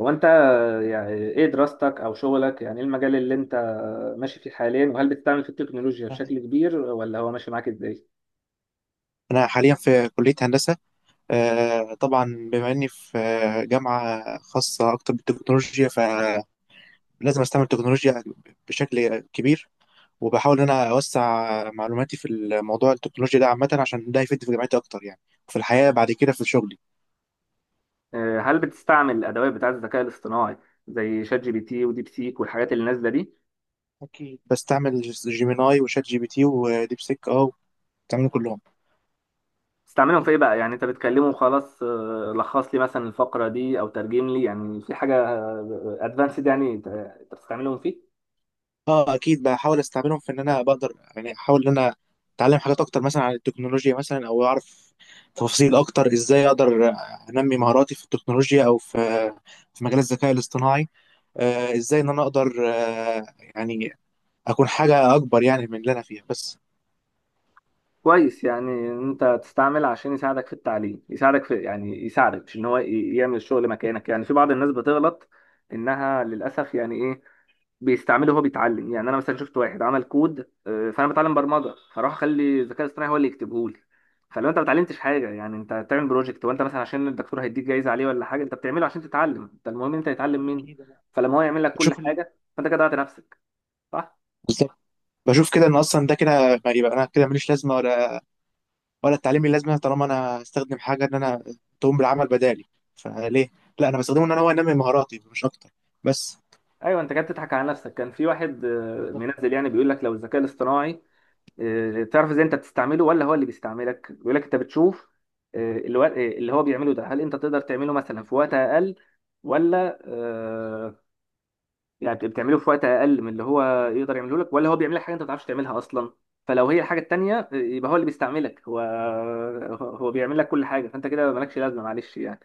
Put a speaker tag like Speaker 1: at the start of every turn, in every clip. Speaker 1: هو انت، يعني ايه دراستك او شغلك؟ يعني ايه المجال اللي انت ماشي فيه حاليا؟ وهل بتستعمل فيه التكنولوجيا بشكل كبير، ولا هو ماشي معاك ازاي؟
Speaker 2: أنا حاليا في كلية هندسة. آه، طبعا. بما إني في جامعة خاصة أكتر بالتكنولوجيا، فلازم أستعمل تكنولوجيا بشكل كبير. وبحاول إن أنا أوسع معلوماتي في الموضوع التكنولوجيا ده عامة، عشان ده يفيدني في جامعتي أكتر يعني، وفي الحياة بعد كده في شغلي.
Speaker 1: هل بتستعمل الادوات بتاعه الذكاء الاصطناعي زي شات جي بي تي وديب سيك والحاجات اللي نازله دي؟
Speaker 2: أكيد بستعمل جيميناي وشات جي بي تي وديب سيك. بستعملهم كلهم.
Speaker 1: بتستعملهم في ايه بقى؟ يعني انت بتكلمه خلاص، لخص لي مثلا الفقره دي او ترجم لي، يعني في حاجه ادفانسد يعني انت بتستعملهم فيه؟
Speaker 2: اه، اكيد بحاول استعملهم في ان انا بقدر، يعني احاول ان انا اتعلم حاجات اكتر مثلا عن التكنولوجيا، مثلا او اعرف تفاصيل اكتر، ازاي اقدر انمي مهاراتي في التكنولوجيا او في مجال الذكاء الاصطناعي. ازاي ان انا اقدر آه يعني اكون حاجة اكبر يعني من اللي انا فيها بس.
Speaker 1: كويس، يعني إن انت تستعمل عشان يساعدك في التعليم، يساعدك، في يعني يساعدك، مش ان هو يعمل الشغل مكانك. يعني في بعض الناس بتغلط انها للاسف، يعني ايه، بيستعمله وهو بيتعلم. يعني انا مثلا شفت واحد عمل كود، فانا بتعلم برمجه، فراح اخلي الذكاء الاصطناعي هو اللي يكتبه لي. فلو انت ما اتعلمتش حاجه، يعني انت بتعمل بروجكت وانت مثلا عشان الدكتور هيديك جايزه عليه ولا حاجه؟ انت بتعمله عشان تتعلم، انت المهم انت تتعلم منه.
Speaker 2: اكيد أنا.
Speaker 1: فلما هو يعمل لك كل
Speaker 2: بشوف ال...
Speaker 1: حاجه، فانت كده ضيعت نفسك، صح؟
Speaker 2: بالظبط. بشوف كده ان اصلا ده كده، ما يبقى انا كده ماليش لازمه ولا التعليم ليه لازمه، طالما انا هستخدم حاجه ان انا تقوم بالعمل بدالي. فليه؟ لا، انا بستخدمه ان انا هو انمي مهاراتي مش اكتر بس.
Speaker 1: ايوه، انت كده بتضحك على نفسك. كان في واحد،
Speaker 2: بالظبط.
Speaker 1: منزل يعني، بيقول لك لو الذكاء الاصطناعي، تعرف ازاي انت بتستعمله ولا هو اللي بيستعملك. بيقول لك انت بتشوف، آه، الو- آه، اللي هو بيعمله ده، هل انت تقدر تعمله مثلا في وقت اقل، ولا يعني بتعمله في وقت اقل من اللي هو يقدر يعمله لك، ولا هو بيعمل لك حاجه انت ما بتعرفش تعملها اصلا؟ فلو هي الحاجه التانيه، يبقى هو اللي بيستعملك. هو بيعمل لك كل حاجه، فانت كده مالكش لازمه، معلش يعني.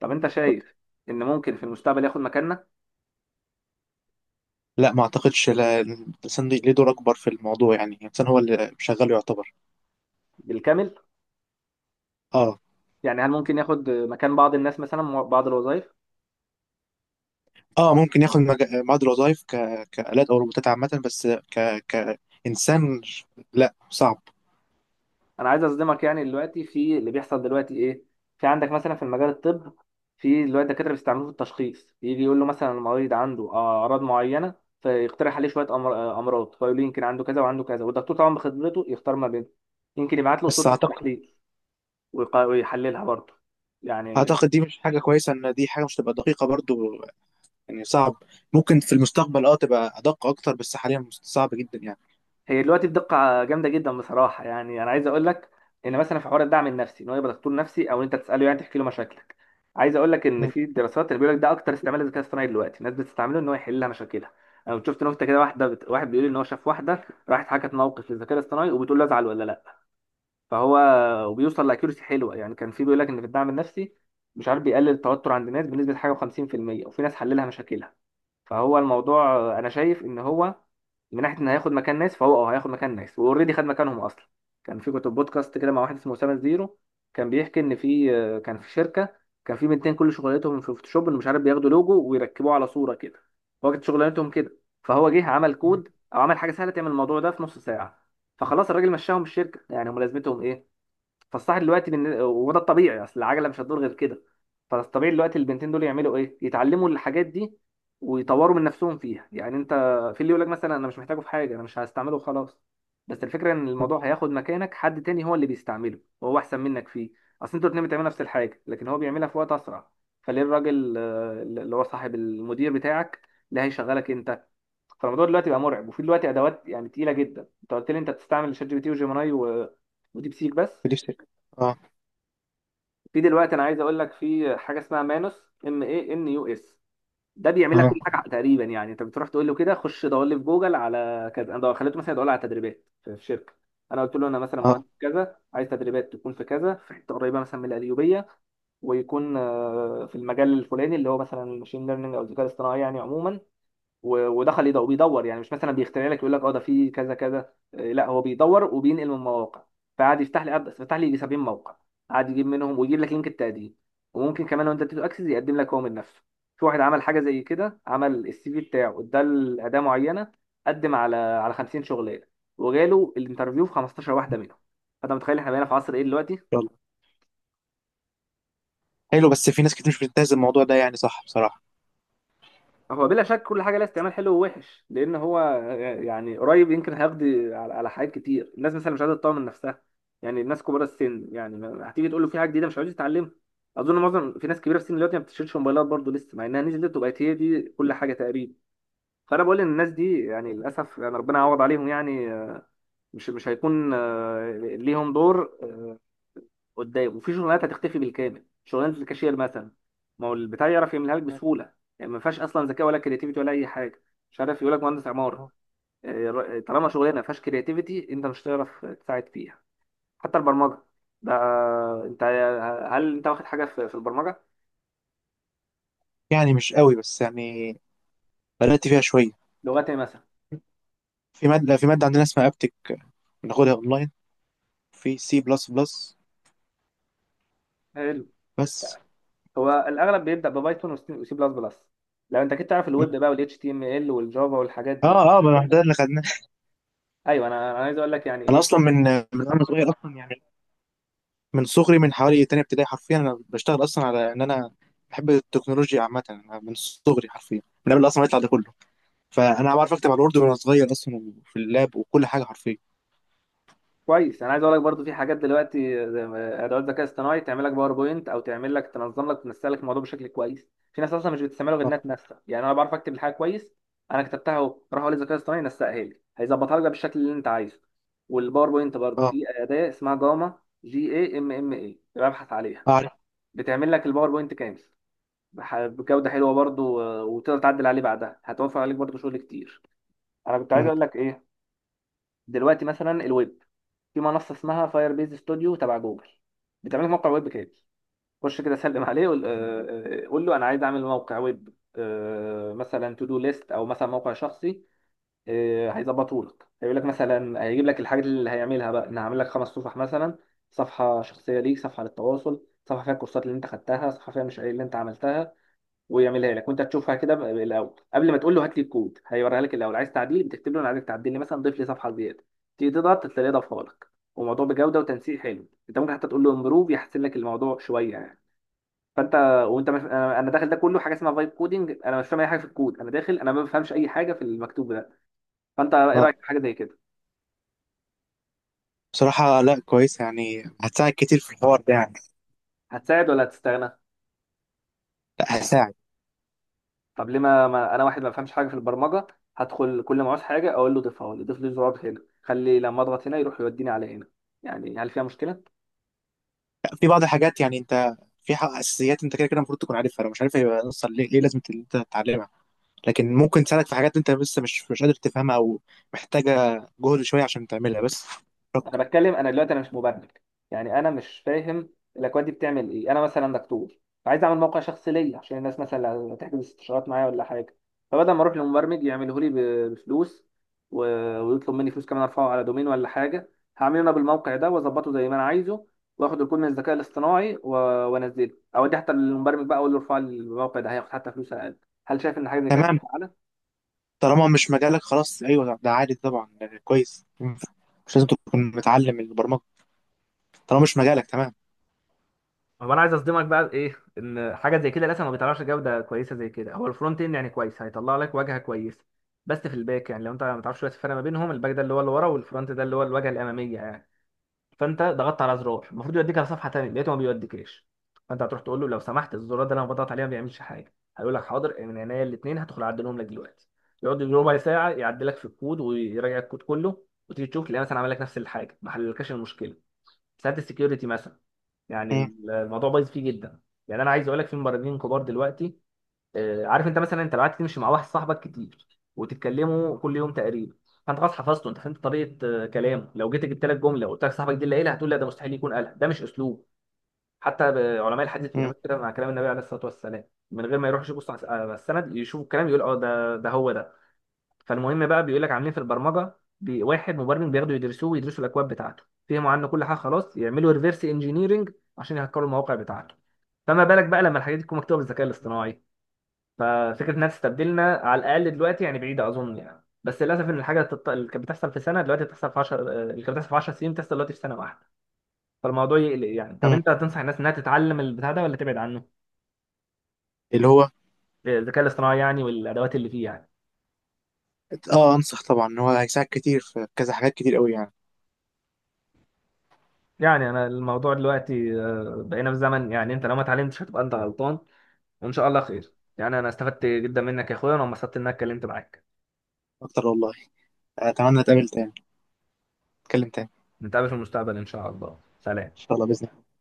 Speaker 1: طب انت
Speaker 2: بالظبط.
Speaker 1: شايف ان ممكن في المستقبل ياخد مكاننا
Speaker 2: لا ما اعتقدش، لا الانسان ليه دور اكبر في الموضوع، يعني الانسان هو اللي شغال يعتبر.
Speaker 1: بالكامل؟
Speaker 2: اه.
Speaker 1: يعني هل ممكن ياخد مكان بعض الناس، مثلا بعض الوظائف؟
Speaker 2: اه، ممكن ياخد بعض الوظائف كآلات او روبوتات عامة، بس كإنسان لا، صعب.
Speaker 1: انا عايز اصدمك، يعني دلوقتي في اللي بيحصل دلوقتي ايه. في عندك مثلا في المجال الطب، في دلوقتي دكاتره بيستعملوه في التشخيص، يجي يقول له مثلا المريض عنده اعراض معينه، فيقترح عليه شويه امراض، فيقول له يمكن عنده كذا وعنده كذا. والدكتور طبعا بخبرته يختار ما بينهم. يمكن يبعت له صوره
Speaker 2: بس اعتقد
Speaker 1: التحليل ويحللها برضه يعني.
Speaker 2: اعتقد دي مش حاجة كويسة، ان دي حاجة مش تبقى دقيقة برضو، يعني صعب. ممكن في المستقبل تبقى ادق اكتر، بس حاليا صعب جدا يعني.
Speaker 1: هي دلوقتي الدقة جامدة جدا بصراحة. يعني أنا عايز أقول لك إن مثلا في حوار الدعم النفسي، إن هو يبقى دكتور نفسي، أو إن أنت تسأله يعني تحكي له مشاكلك. عايز أقول لك إن
Speaker 2: م-
Speaker 1: في دراسات اللي بيقول لك ده أكتر استعمال للذكاء الاصطناعي دلوقتي، الناس بتستعمله إن هو يحل لها مشاكلها. أنا كنت شفت نكتة كده، واحد بيقول إن هو شاف واحدة راحت حكت موقف للذكاء الاصطناعي، وبتقول له أزعل ولا لأ. فهو وبيوصل لأكيورسي حلوة يعني. كان في بيقول لك إن في الدعم النفسي، مش عارف، بيقلل التوتر عند الناس بنسبة حاجة و50%، وفي ناس حللها مشاكلها. فهو الموضوع انا شايف ان هو من ناحيه ان هياخد مكان ناس، فهو هياخد مكان ناس، واوريدي خد مكانهم اصلا. كان في، كنت بودكاست كده مع واحد اسمه اسامه زيرو، كان بيحكي ان في، كان في شركه، كان في بنتين كل شغلتهم في فوتوشوب، إن مش عارف، بياخدوا لوجو ويركبوه على صوره كده، هو كانت شغلانتهم كده. فهو جه عمل
Speaker 2: م-
Speaker 1: كود، او عمل حاجه سهله تعمل الموضوع ده في نص ساعه. فخلاص الراجل مشاهم من الشركه، يعني هم لازمتهم ايه؟ فالصح دلوقتي وده الطبيعي، اصل العجله مش هتدور غير كده. فالطبيعي دلوقتي البنتين دول يعملوا ايه؟ يتعلموا الحاجات دي ويطوروا من نفسهم فيها. يعني انت في اللي يقول لك مثلا انا مش محتاجه في حاجه، انا مش هستعمله خلاص. بس الفكره ان
Speaker 2: م.
Speaker 1: الموضوع هياخد مكانك، حد تاني هو اللي بيستعمله، وهو احسن منك فيه. اصل انتوا الاتنين بتعملوا نفس الحاجه، لكن هو بيعملها في وقت اسرع، فليه الراجل، اللي هو صاحب المدير بتاعك اللي هيشغلك انت؟ فالموضوع دلوقتي بقى مرعب، وفي دلوقتي ادوات يعني تقيله جدا. انت قلت لي انت بتستعمل شات جي بي تي وجيميناي و- وديب سيك بس.
Speaker 2: دي الفكرة. اه،
Speaker 1: في دلوقتي انا عايز اقول لك في حاجه اسمها مانوس ام اي ان يو اس، ده بيعمل لك
Speaker 2: اه،
Speaker 1: كل حاجه تقريبا. يعني انت بتروح تقول له كده خش دور لي في جوجل على كذا. انا خليته مثلا يدور لي على تدريبات في شركه، انا قلت له انا مثلا
Speaker 2: اه.
Speaker 1: مهندس كذا عايز تدريبات تكون في كذا، في حته قريبه مثلا من القليوبيه، ويكون في المجال الفلاني اللي هو مثلا الماشين ليرنينج او الذكاء الاصطناعي يعني عموما. و- ودخل يدور، بيدور، يعني مش مثلا بيخترع لك يقول لك اه ده في كذا كذا إيه، لا هو بيدور وبينقل من مواقع. فقعد يفتح لي فتح لي يجي 70 موقع، قعد يجيب منهم ويجيب لك لينك التقديم. وممكن كمان وانت بتدي اكسس يقدم لك هو من نفسه. في واحد عمل حاجه زي كده، عمل السي في بتاعه اداه معينه، قدم على 50 شغلانه، وجاله الانترفيو في 15 واحده منهم. فانت متخيل احنا بقينا في عصر ايه دلوقتي؟
Speaker 2: يلا. حلو، بس في ناس كتير مش بتنتهز الموضوع ده، يعني صح بصراحة.
Speaker 1: هو بلا شك كل حاجه لها استعمال حلو ووحش، لان هو يعني قريب يمكن هيقضي على حاجات كتير. الناس مثلا مش قادره تطور من نفسها، يعني الناس كبار السن، يعني هتيجي تقول له في حاجه جديده مش عايز يتعلمها. اظن معظم، في ناس كبيره في السن دلوقتي ما بتشيلش موبايلات برضه لسه، مع انها نزلت وبقت هي دي كل حاجه تقريبا. فانا بقول ان الناس دي يعني للاسف، يعني ربنا يعوض عليهم يعني. مش هيكون ليهم دور قدام. وفي شغلانات هتختفي بالكامل، شغلانه الكاشير مثلا، ما هو البتاع يعرف يعملها لك بسهوله، يعني ما فيهاش اصلا ذكاء ولا كرياتيفيتي ولا اي حاجه. مش عارف، يقول لك مهندس عماره، طالما شغلانه ما فيهاش كرياتيفيتي انت مش هتعرف تساعد فيها. حتى البرمجه ده، انت، هل انت واخد حاجه في البرمجه؟
Speaker 2: يعني مش قوي، بس يعني بدأت فيها شوية.
Speaker 1: لغات ايه مثلا؟
Speaker 2: في مادة عندنا اسمها ابتك، بناخدها اونلاين في سي بلس بلس
Speaker 1: حلو.
Speaker 2: بس.
Speaker 1: هو الاغلب بيبدا ببايثون وسي وسي بلس بلس. لو انت كنت تعرف الويب بقى والاتش تي ام ال والجافا والحاجات دي،
Speaker 2: اه، اه، ما ده اللي خدناه.
Speaker 1: ايوه، انا عايز اقول لك يعني
Speaker 2: انا
Speaker 1: ايه.
Speaker 2: اصلا من وانا صغير اصلا يعني، من صغري، من حوالي تانية ابتدائي حرفيا، انا بشتغل اصلا على ان انا بحب التكنولوجيا عامة. أنا من صغري حرفيا، من قبل اصلا ما يطلع ده كله، فانا بعرف اكتب على الوورد وانا صغير اصلا في اللاب، وكل حاجة حرفيا.
Speaker 1: كويس، انا عايز اقول لك برضو في حاجات دلوقتي زي ادوات ذكاء اصطناعي تعمل لك باوربوينت، او تعمل لك تنظم لك تنسق لك الموضوع بشكل كويس. في ناس اصلا مش بتستعمله غير
Speaker 2: اه،
Speaker 1: انها تنسق، يعني انا بعرف اكتب الحاجه كويس، انا كتبتها اهو، راح اقول للذكاء الاصطناعي نسقها لي، هيظبطها لك بقى بالشكل اللي انت عايزه. والباوربوينت برضو
Speaker 2: اه،
Speaker 1: في اداه اسمها جاما، جي اي ام ام اي، ابحث عليها.
Speaker 2: اعرف.
Speaker 1: بتعمل لك الباوربوينت كامل بجوده حلوه برضو، وتقدر تعدل عليه بعدها، هتوفر عليك برضو شغل كتير. انا كنت عايز
Speaker 2: مم.
Speaker 1: اقول لك ايه، دلوقتي مثلا الويب، في منصه اسمها فاير بيز ستوديو تبع جوجل، بتعمل لك موقع ويب كامل. خش كده سلم عليه، قول آه، آه، قول له انا عايز اعمل موقع ويب، مثلا تو دو ليست، او مثلا موقع شخصي. هيظبطه لك، هيقول لك مثلا هيجيب لك الحاجات اللي هيعملها بقى، ان هعمل لك خمس صفح مثلا: صفحه شخصيه ليك، صفحه للتواصل، صفحه فيها الكورسات اللي انت خدتها، صفحه فيها المشاريع اللي انت عملتها. ويعملها لك وانت تشوفها كده الاول، قبل ما تقول له هات لي الكود. هيوريها لك الاول، عايز تعديل بتكتب له انا عايزك تعدل لي مثلا، ضيف لي صفحه زياده، تيجي تضغط تلاقيه ضافها لك. وموضوع بجوده وتنسيق حلو، انت ممكن حتى تقول له امبروف، يحسن لك الموضوع شويه يعني. فانت، وانت مش... أنا داخل ده كله، حاجه اسمها فايب كودنج، انا مش فاهم اي حاجه في الكود، انا داخل، انا ما بفهمش اي حاجه في المكتوب ده. فانت ايه
Speaker 2: اه،
Speaker 1: رايك في حاجه زي كده؟
Speaker 2: بصراحة لا كويس، يعني هتساعد كتير في الحوار ده يعني.
Speaker 1: هتساعد ولا هتستغنى؟
Speaker 2: لا، هتساعد.
Speaker 1: طب ليه ما... ما انا واحد ما بفهمش حاجه في البرمجه، هدخل كل ما عاوز حاجه اقول له ضيفها لي، ضيف لي زرار هنا، خلي لما اضغط هنا يروح يوديني على هنا، يعني هل فيها مشكله؟
Speaker 2: في بعض الحاجات، يعني انت في حق اساسيات انت كده كده المفروض تكون عارفها، لو مش عارفها يبقى نص ليه لازم ان انت تتعلمها. لكن ممكن تساعدك في حاجات انت لسه مش قادر تفهمها، او محتاجه جهد شويه عشان تعملها بس.
Speaker 1: انا بتكلم، انا دلوقتي انا مش مبرمج، يعني انا مش فاهم الاكواد دي بتعمل ايه. انا مثلا دكتور، فعايز اعمل موقع شخصي ليا عشان الناس مثلا لو تحجز استشارات معايا ولا حاجه، فبدل ما اروح لمبرمج يعمله لي ب- بفلوس، و- ويطلب مني فلوس كمان ارفعه على دومين ولا حاجه، هعمله انا بالموقع ده واظبطه زي ما انا عايزه. واخد الكود من الذكاء الاصطناعي و- وانزله، اوديه حتى للمبرمج بقى، اقول له ارفع لي الموقع ده، هياخد حتى فلوس اقل. هل شايف ان حاجه زي كده؟
Speaker 2: تمام. طالما مش مجالك خلاص، ايوه، ده عادي طبعا، كويس. مم. مش لازم تكون متعلم البرمجه طالما مش مجالك. تمام.
Speaker 1: هو انا عايز اصدمك بقى ايه، ان حاجه زي كده لسه ما بيطلعش جوده كويسه زي كده. هو الفرونت اند يعني كويس، هيطلع لك واجهه كويسه. بس في الباك، يعني لو انت ما تعرفش دلوقتي الفرق ما بينهم، الباك ده اللي هو اللي ورا، والفرونت ده اللي هو الواجهه الاماميه يعني. فانت ضغطت على زرار المفروض يوديك على صفحه تانيه، لقيته ما بيوديكش. فانت هتروح تقول له لو سمحت الزرار ده اللي انا بضغط عليه ما بيعملش حاجه، هيقول لك حاضر من عينيا الاثنين، هدخل اعدلهم لك دلوقتي. يقعد يجي ربع ساعه يعدلك في الكود ويراجع الكود كله، وتيجي تشوف تلاقيه مثلا عمل لك نفس الحاجه، ما حللكش المشكله. ساعات السكيورتي مثلا، يعني
Speaker 2: مم.
Speaker 1: الموضوع بايظ فيه جدا. يعني انا عايز اقول لك في مبرمجين كبار دلوقتي، عارف انت مثلا، انت لو قعدت تمشي مع واحد صاحبك كتير، وتتكلموا كل يوم تقريبا، فانت خلاص حفظته، انت فهمت طريقه كلامه. لو جيت جبت لك جمله وقلت لك صاحبك دي اللي قالها، هتقول لا ده مستحيل يكون قالها، ده مش اسلوب. حتى علماء الحديث
Speaker 2: مم.
Speaker 1: بيعملوا كده مع كلام النبي عليه الصلاه والسلام، من غير ما يروحوا يشوفوا على السند يشوفوا الكلام، يقول اه ده هو ده. فالمهم بقى بيقول لك عاملين في البرمجه، واحد مبرمج بياخدوا يدرسوه، ويدرسوا الاكواد بتاعته، فهموا عنه كل حاجه خلاص، يعملوا ريفرس انجينيرنج عشان يهكروا المواقع بتاعته. فما بالك بقى لما الحاجات دي تكون مكتوبه بالذكاء الاصطناعي. ففكره انها تستبدلنا على الاقل دلوقتي يعني بعيده اظن يعني. بس للاسف ان الحاجه اللي كانت بتحصل في سنه دلوقتي بتحصل في 10، اللي كانت بتحصل في 10 سنين بتحصل دلوقتي في سنه واحده. فالموضوع يقلق يعني. طب
Speaker 2: مم.
Speaker 1: انت هتنصح الناس انها تتعلم البتاع ده ولا تبعد عنه؟
Speaker 2: اللي هو
Speaker 1: الذكاء الاصطناعي يعني، والادوات اللي فيه يعني.
Speaker 2: اه انصح طبعا، ان هو هيساعد كتير في كذا حاجات كتير قوي يعني.
Speaker 1: يعني انا الموضوع دلوقتي، بقينا في زمن يعني انت لو ما اتعلمتش هتبقى انت غلطان. وان شاء الله خير يعني، انا استفدت جدا منك يا اخويا، وانا انبسطت اني اتكلمت معاك.
Speaker 2: اكتر والله. اتمنى اتقابل تاني، اتكلم تاني.
Speaker 1: نتقابل في المستقبل ان شاء الله.
Speaker 2: ان
Speaker 1: سلام.
Speaker 2: شاء الله، باذن الله.